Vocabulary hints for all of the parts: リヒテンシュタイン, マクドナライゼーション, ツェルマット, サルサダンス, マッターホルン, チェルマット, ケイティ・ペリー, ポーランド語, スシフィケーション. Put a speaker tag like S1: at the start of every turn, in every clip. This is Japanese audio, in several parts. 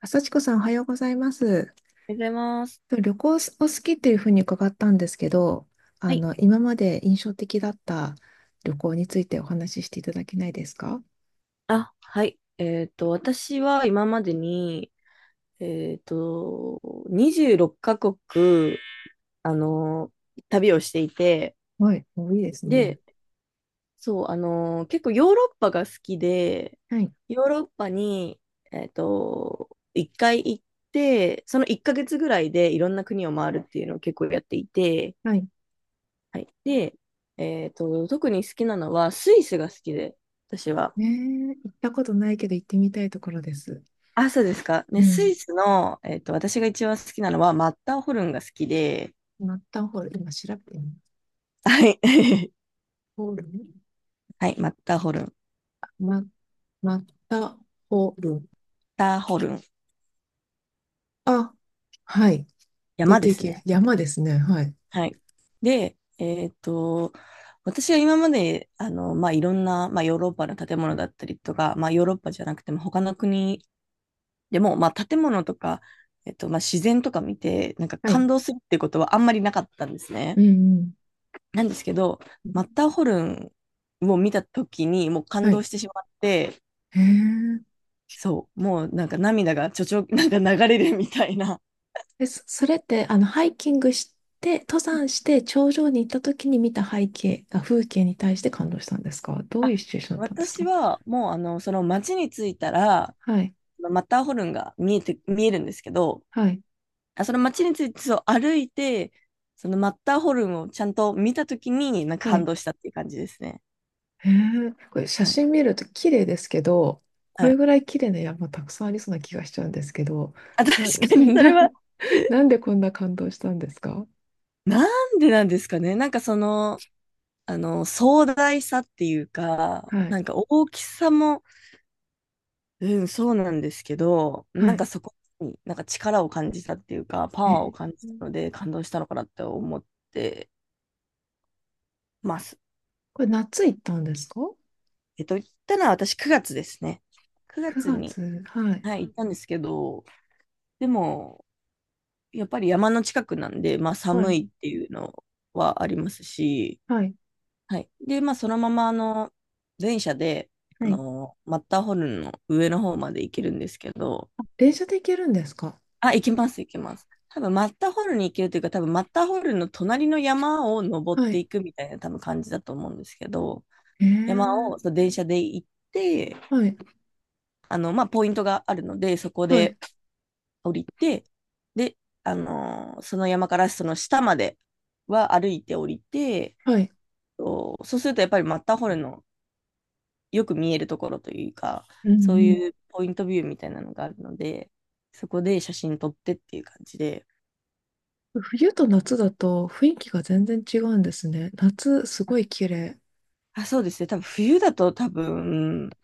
S1: あさ子さん、おはようございます。
S2: おはようございます。
S1: 旅行お好きっていうふうに伺ったんですけど、
S2: はい。
S1: 今まで印象的だった旅行についてお話ししていただけないですか？
S2: あ、はい。私は今までに、えっと、26カ国、あの、旅をしていて、
S1: はい、もういいですね。
S2: で、そう、あの、結構ヨーロッパが好きで、
S1: はい、
S2: ヨーロッパに、1回行って、その1ヶ月ぐらいでいろんな国を回るっていうのを結構やっていて、
S1: はい。
S2: はい。で、特に好きなのはスイスが好きで、私は。
S1: ねえ、行ったことないけど行ってみたいところです。
S2: あ、そうですか。
S1: う
S2: ね、ス
S1: ん。
S2: イスの、私が一番好きなのは、マッターホルンが好きで、
S1: マッターホルン、今調べてみます。
S2: はい。
S1: ホルン。
S2: はい、マッターホルン。マッ
S1: マ、マッターホルン。
S2: ターホルン。
S1: あ、はい。出
S2: 山で
S1: てい
S2: す
S1: け、
S2: ね。
S1: 山ですね。はい。
S2: はい。で、私は今まで、あの、まあ、いろんな、まあ、ヨーロッパの建物だったりとか、まあ、ヨーロッパじゃなくても、他の国でも、まあ、建物とか、まあ、自然とか見て、なんか
S1: は
S2: 感
S1: い。
S2: 動するってことはあんまりなかったんです
S1: う
S2: ね。
S1: んうん。
S2: なんですけど、マッターホルンを見たときに、もう感
S1: は
S2: 動
S1: い。
S2: してしまって、
S1: へえ。
S2: そう、もうなんか涙がちょちょ、なんか流れるみたいな。
S1: でそれって、ハイキングして、登
S2: うん。
S1: 山して頂上に行った時に見た背景、あ、風景に対して感動したんですか？どういう
S2: あ、
S1: シチュエーションだったんです
S2: 私
S1: か？
S2: はもうあの、その町に着いたら、
S1: はい、
S2: マッターホルンが見えて、見えるんですけど、
S1: はい、
S2: あその町についてそう歩いて、そのマッターホルンをちゃんと見たときに、なんか
S1: は
S2: 感
S1: い。
S2: 動したっていう感じですね。
S1: へえ、これ写
S2: はい。
S1: 真見ると綺麗ですけど、こ
S2: は
S1: れ
S2: い。
S1: ぐらい綺麗な山たくさんありそうな気がしちゃうんですけど、
S2: あ、確
S1: な、
S2: かにそれ
S1: な、
S2: は。
S1: なんでこんな感動したんですか？
S2: なんでなんですかね。なんかその、あの、壮大さっていうか、
S1: は
S2: な
S1: い、
S2: んか大きさも、うん、そうなんですけど、
S1: は
S2: なんか
S1: い。
S2: そこになんか力を感じたっていうか、パワーを
S1: え、
S2: 感じたので感動したのかなって思ってます。
S1: これ夏行ったんですか？
S2: 行ったのは私9月ですね。9
S1: 9
S2: 月に、
S1: 月、はい、
S2: はい、行ったんですけど、でも、やっぱり山の近くなんで、まあ
S1: は
S2: 寒
S1: い、
S2: いっていうのはありますし、
S1: はい、
S2: はい。で、まあそのまま、あの、電車で、
S1: は
S2: あ
S1: い。
S2: の、マッターホルンの上の方まで行けるんですけど、
S1: 電車で行けるんですか？
S2: あ、行きます、行きます。多分マッターホルンに行けるというか、多分マッターホルンの隣の山を登っ
S1: は
S2: て
S1: い。
S2: いくみたいな多分感じだと思うんですけど、山
S1: え
S2: を
S1: え、
S2: そう電車で行って、
S1: はい、
S2: あの、まあ、ポイントがあるので、そこ
S1: はい、
S2: で降りて、で、あのーその山からその下までは歩いて降りて、
S1: はい。
S2: そうそうするとやっぱりマッターホルンのよく見えるところというか、
S1: う
S2: そう
S1: ん
S2: いうポイントビューみたいなのがあるので、そこで写真撮ってっていう感じで、
S1: うん。冬と夏だと雰囲気が全然違うんですね。夏、すごい綺麗。
S2: あ、そうですね。多分冬だと多分、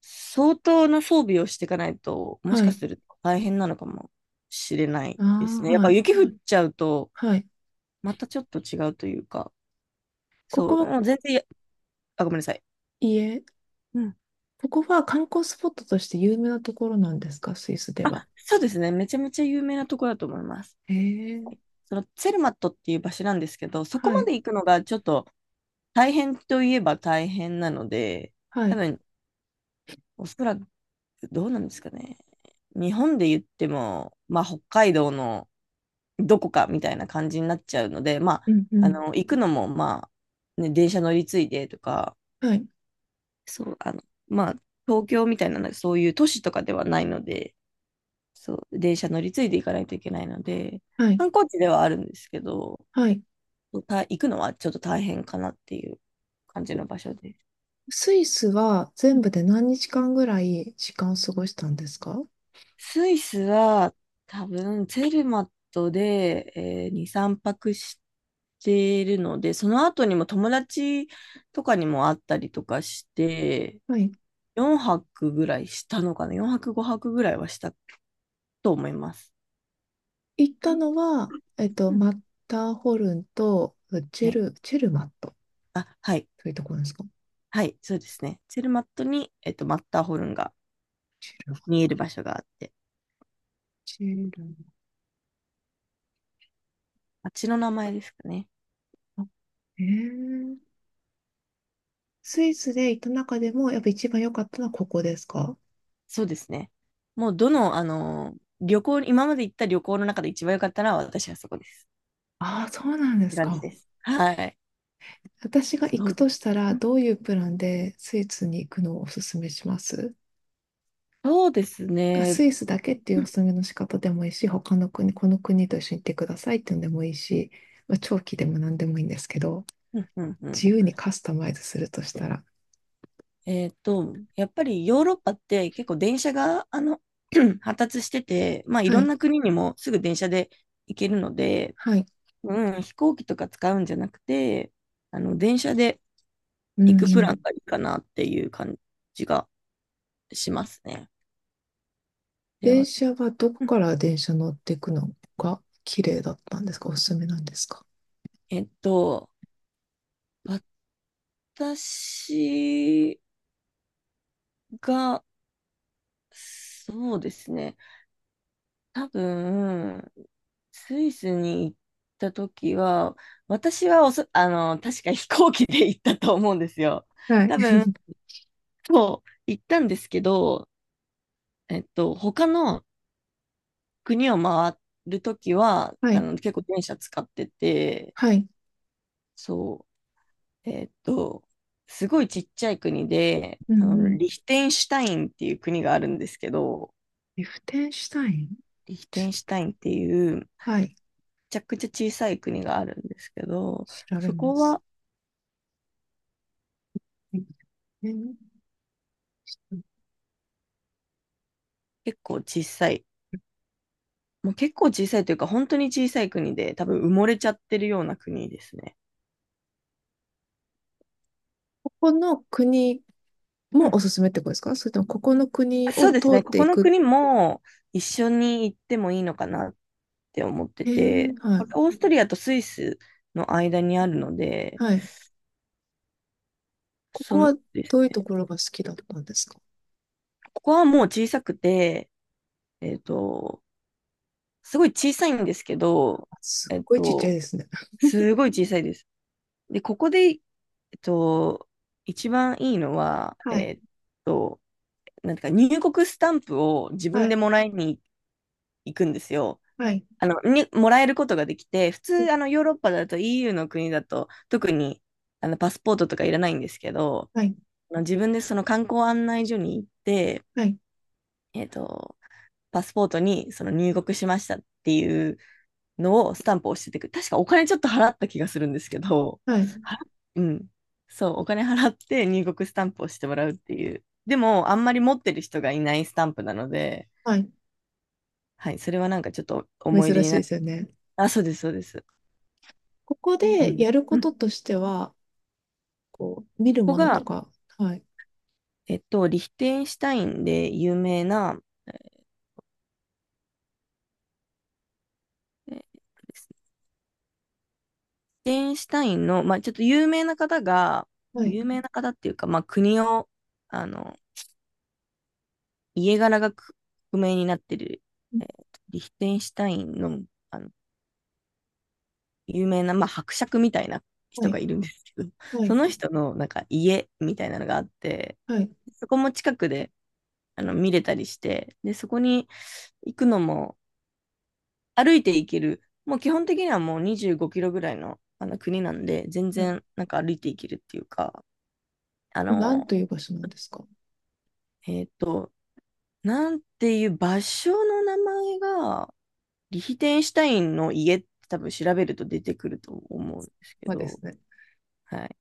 S2: 相当な装備をしていかないと、もし
S1: は
S2: か
S1: い。
S2: すると大変なのかもしれない
S1: あ
S2: ですね。
S1: あ、
S2: やっ
S1: は
S2: ぱ
S1: い。
S2: 雪降っちゃうと、
S1: はい。
S2: またちょっと違うというか、
S1: こ
S2: そ
S1: こ
S2: う、
S1: は、
S2: もう全然や、あ、ごめんなさい。
S1: 家
S2: うん、
S1: ここは観光スポットとして有名なところなんですか、スイスで
S2: あ、
S1: は？
S2: そうですね。めちゃめちゃ有名なところだと思います。
S1: へえ。
S2: はい。そのツェルマットっていう場所なんですけど、そこ
S1: は
S2: ま
S1: い。
S2: で行くのがちょっと大変といえば大変なので、
S1: は
S2: 多
S1: い。
S2: 分、おそらくどうなんですかね。日本で言っても、まあ、北海道のどこかみたいな感じになっちゃうので、まあ、
S1: うんう
S2: あ
S1: ん。
S2: の、行くのも、まあ、ね、電車乗り継いでとか、
S1: はい。
S2: そう、あの、まあ、東京みたいな、そういう都市とかではないので、そう、電車乗り継いで行かないといけないので、
S1: はい。
S2: 観光地ではあるんですけど、
S1: はい。
S2: た行くのはちょっと大変かなっていう感じの場所です。う。
S1: スイスは全部で何日間ぐらい時間を過ごしたんですか？
S2: スイスは多分ツェルマットで、え2、3泊しているので、その後にも友達とかにも会ったりとかして、
S1: はい。
S2: 4泊ぐらいしたのかな？ 4 泊5泊ぐらいはしたと思います。
S1: 行ったのは、
S2: うん。
S1: マッターホルンと
S2: はい。
S1: チェルマット、
S2: あ、はい。
S1: そういうところですか？
S2: はい。そうですね。ツェルマットに、マッターホルンが
S1: シルバ、
S2: 見える場所があって、
S1: シル
S2: あっちの名前ですかね。
S1: バ。えー、スイスで行った中でも、やっぱ一番良かったのはここですか？
S2: そうですね。もうどの、あの旅行、今まで行った旅行の中で一番良かったのは私はそこです。
S1: ああー、そうなんで
S2: って
S1: す
S2: 感じ
S1: か。
S2: です。はい。
S1: 私が行
S2: そ
S1: く
S2: うで
S1: と
S2: す。
S1: したら、どういうプランでスイスに行くのをおすすめします？
S2: そうですね。
S1: スイスだけってい
S2: う
S1: うお
S2: ん
S1: すすめの仕方でもいいし、他の国、この国と一緒に行ってくださいっていうのでもいいし、まあ、長期でも何でもいいんですけど、
S2: うんうんうん。
S1: 自由にカスタマイズするとしたら。
S2: やっぱりヨーロッパって結構電車があの 発達してて、まあ、い
S1: は
S2: ろん
S1: い、
S2: な国にもすぐ電車で行けるので、
S1: はい。
S2: うん、飛行機とか使うんじゃなくて、あの電車で
S1: うん
S2: 行
S1: う
S2: くプラン
S1: ん。
S2: がいいかなっていう感じがしますね。で
S1: 電
S2: は、
S1: 車はどこ
S2: うん。
S1: から電車乗っていくのが綺麗だったんですか？おすすめなんですか？
S2: えっと、私が、そうですね、多分、スイスに行った時は、私はおそ、あの、確か飛行機で行ったと思うんですよ。
S1: はい。
S2: 多分、そう、行ったんですけど、他の国を回る時は、
S1: は
S2: あ
S1: い。
S2: の、結構電車使ってて、
S1: はい。
S2: そう、すごいちっちゃい国で、
S1: うん
S2: あの、
S1: うん。
S2: リヒテンシュタインっていう国があるんですけど、
S1: リフテンシュタイン。
S2: リヒテンシュタインっていう、め
S1: はい。
S2: ちゃくちゃ小さい国があるんですけど、
S1: 調べ
S2: そ
S1: ま
S2: こ
S1: す。
S2: は
S1: リフテン。
S2: 結構小さい。もう結構小さいというか、本当に小さい国で、多分埋もれちゃってるような国ですね。
S1: ここの国
S2: う
S1: も
S2: ん。
S1: おすすめってことですか？それともここの国
S2: そ
S1: を
S2: うです
S1: 通
S2: ね。
S1: っ
S2: こ
S1: て
S2: こ
S1: い
S2: の
S1: く。
S2: 国も一緒に行ってもいいのかなって思って
S1: へえ、
S2: て、
S1: は
S2: これ
S1: い。
S2: オーストリアとスイスの間にあるので、
S1: はい。ここ
S2: そん
S1: は
S2: です。
S1: どういうところが好きだったんですか？
S2: ここはもう小さくて、えっと、すごい小さいんですけど、
S1: あ、すっ
S2: えっ
S1: ごいちっちゃい
S2: と、
S1: ですね。
S2: すごい小さいです。で、ここで、と、一番いいのは、
S1: はい。
S2: と、なんていうか、入国スタンプを自
S1: は
S2: 分で
S1: い。
S2: もらいに行くんですよ。
S1: はい。
S2: あの、に、もらえることができて、普通、あの、ヨーロッパだと EU の国だと、特に、あの、パスポートとかいらないんですけど、
S1: はい。
S2: あの自分でその観光案内所に行って、
S1: はい。
S2: えっと、パスポートにその入国しましたっていうのをスタンプを押しててく、確かお金ちょっと払った気がするんですけど、
S1: はい。
S2: 払っうん。そう、お金払って入国スタンプをしてもらうっていう。でも、あんまり持ってる人がいないスタンプなので、
S1: はい。
S2: はい、それはなんかちょっと
S1: 珍
S2: 思い出に
S1: しい
S2: な
S1: で
S2: る。
S1: すよね。
S2: あ、そうです、そうです。
S1: ここ
S2: うん
S1: でやるこ
S2: う
S1: と
S2: ん。
S1: としては、こう、見る
S2: ここ
S1: ものと
S2: が、
S1: か。はい。
S2: リヒテンシュタインで有名な、えーですね。リヒテンシュタインの、まあ、ちょっと有名な方が、
S1: はい。
S2: 有名な方っていうか、まあ、国を、あの、家柄がく不明になってる、リヒテンシュタインの、あの、有名な、まあ、伯爵みたいな
S1: は
S2: 人
S1: い。
S2: がいるんですけど、
S1: は
S2: そ
S1: い。
S2: の人の、なんか、家みたいなのがあって、
S1: はい。は
S2: そこも近くで、あの見れたりして、で、そこに行くのも歩いて行ける、もう基本的にはもう25キロぐらいの、あの国なんで、全然
S1: い。
S2: なんか歩いて行けるっていうか、あ
S1: これ何
S2: の、
S1: という場所なんですか？
S2: えっと、なんていう場所の名前が、リヒテンシュタインの家って多分調べると出てくると思うんですけ
S1: はで
S2: ど、
S1: すね。
S2: はい。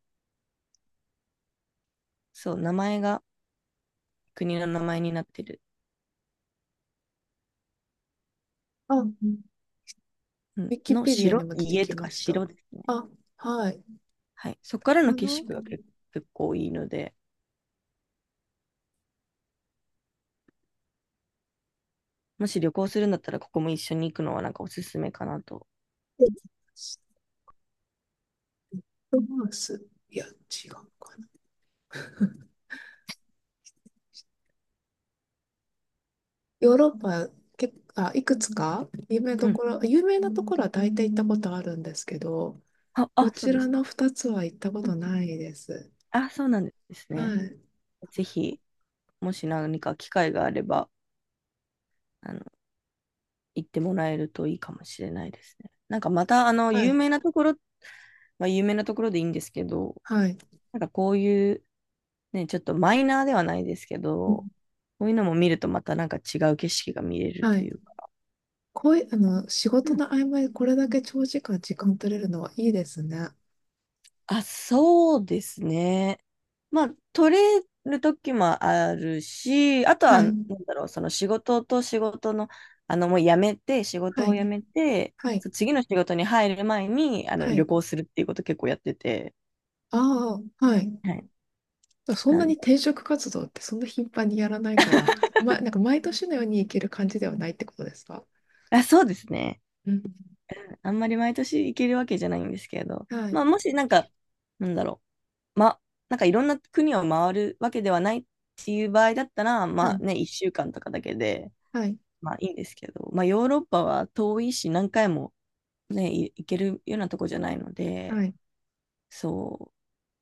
S2: そう、名前が国の名前になってる。
S1: あ、ウ
S2: うん
S1: ィキ
S2: の
S1: ペディア
S2: 城、
S1: にも出て
S2: 家
S1: き
S2: と
S1: ま
S2: か
S1: した。
S2: 城ですね。
S1: あ、はい。
S2: はい。そこ
S1: こ
S2: か
S1: れ
S2: らの
S1: か
S2: 景
S1: な。
S2: 色が結構いいので、もし旅行するんだったら、ここも一緒に行くのはなんかおすすめかなと。
S1: できました。マウス。いや、違うかな。ヨーロッパ、いくつか有名
S2: う
S1: どこ
S2: ん。
S1: ろ、有名なところは大体行ったことあるんですけど、
S2: あ、
S1: こ
S2: あ、そう
S1: ち
S2: で
S1: ら
S2: すか。
S1: の2つは行ったこ
S2: う
S1: と
S2: ん。
S1: ないです。
S2: あ、そうなんです
S1: は
S2: ね。
S1: い。
S2: ぜひ、もし何か機会があれば、あの、行ってもらえるといいかもしれないですね。なんかまた、あの、
S1: は
S2: 有
S1: い。
S2: 名なところ、まあ、有名なところでいいんですけど、
S1: はい。
S2: なんかこういう、ね、ちょっとマイナーではないですけ
S1: うん。
S2: ど、こういうのも見るとまたなんか違う景色が見れる
S1: は
S2: とい
S1: い。
S2: うか。
S1: こういう、仕
S2: う
S1: 事
S2: ん。
S1: の合間にこれだけ長時間時間取れるのはいいですね。
S2: あ、そうですね。まあ、取れる時もあるし、あとは、
S1: は
S2: なん
S1: い。
S2: だろう、その仕事と仕事の、あの、もう辞めて、仕
S1: は
S2: 事を
S1: い。
S2: 辞めて、
S1: はい。
S2: そう次の仕事に入る前に、あの、
S1: は
S2: 旅
S1: い。
S2: 行するっていうこと結構やってて、
S1: ああ、はい。
S2: はい。
S1: そん
S2: な
S1: な
S2: ん
S1: に
S2: で、
S1: 転職活動ってそんな頻繁にやらないから、ま、なんか毎年のように行ける感じではないってことですか？
S2: あ、そうですね。
S1: うん。
S2: あんまり毎年行けるわけじゃないんですけど、
S1: はい、
S2: まあ、もしなんか、なんだろう、ま、なんかいろんな国を回るわけではないっていう場合だったら、
S1: は
S2: まあ
S1: い、
S2: ね、1週間とかだけで、
S1: はい、
S2: まあいいんですけど、まあヨーロッパは遠いし何回もね、い行けるようなとこじゃないの
S1: は
S2: で、
S1: い。
S2: そ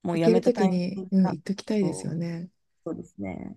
S2: う、もう
S1: 行
S2: や
S1: け
S2: め
S1: る
S2: た
S1: と
S2: タ
S1: き
S2: イミン
S1: に、
S2: グ
S1: うん、
S2: が、
S1: 行っときたいですよ
S2: そう、
S1: ね。
S2: そうですね。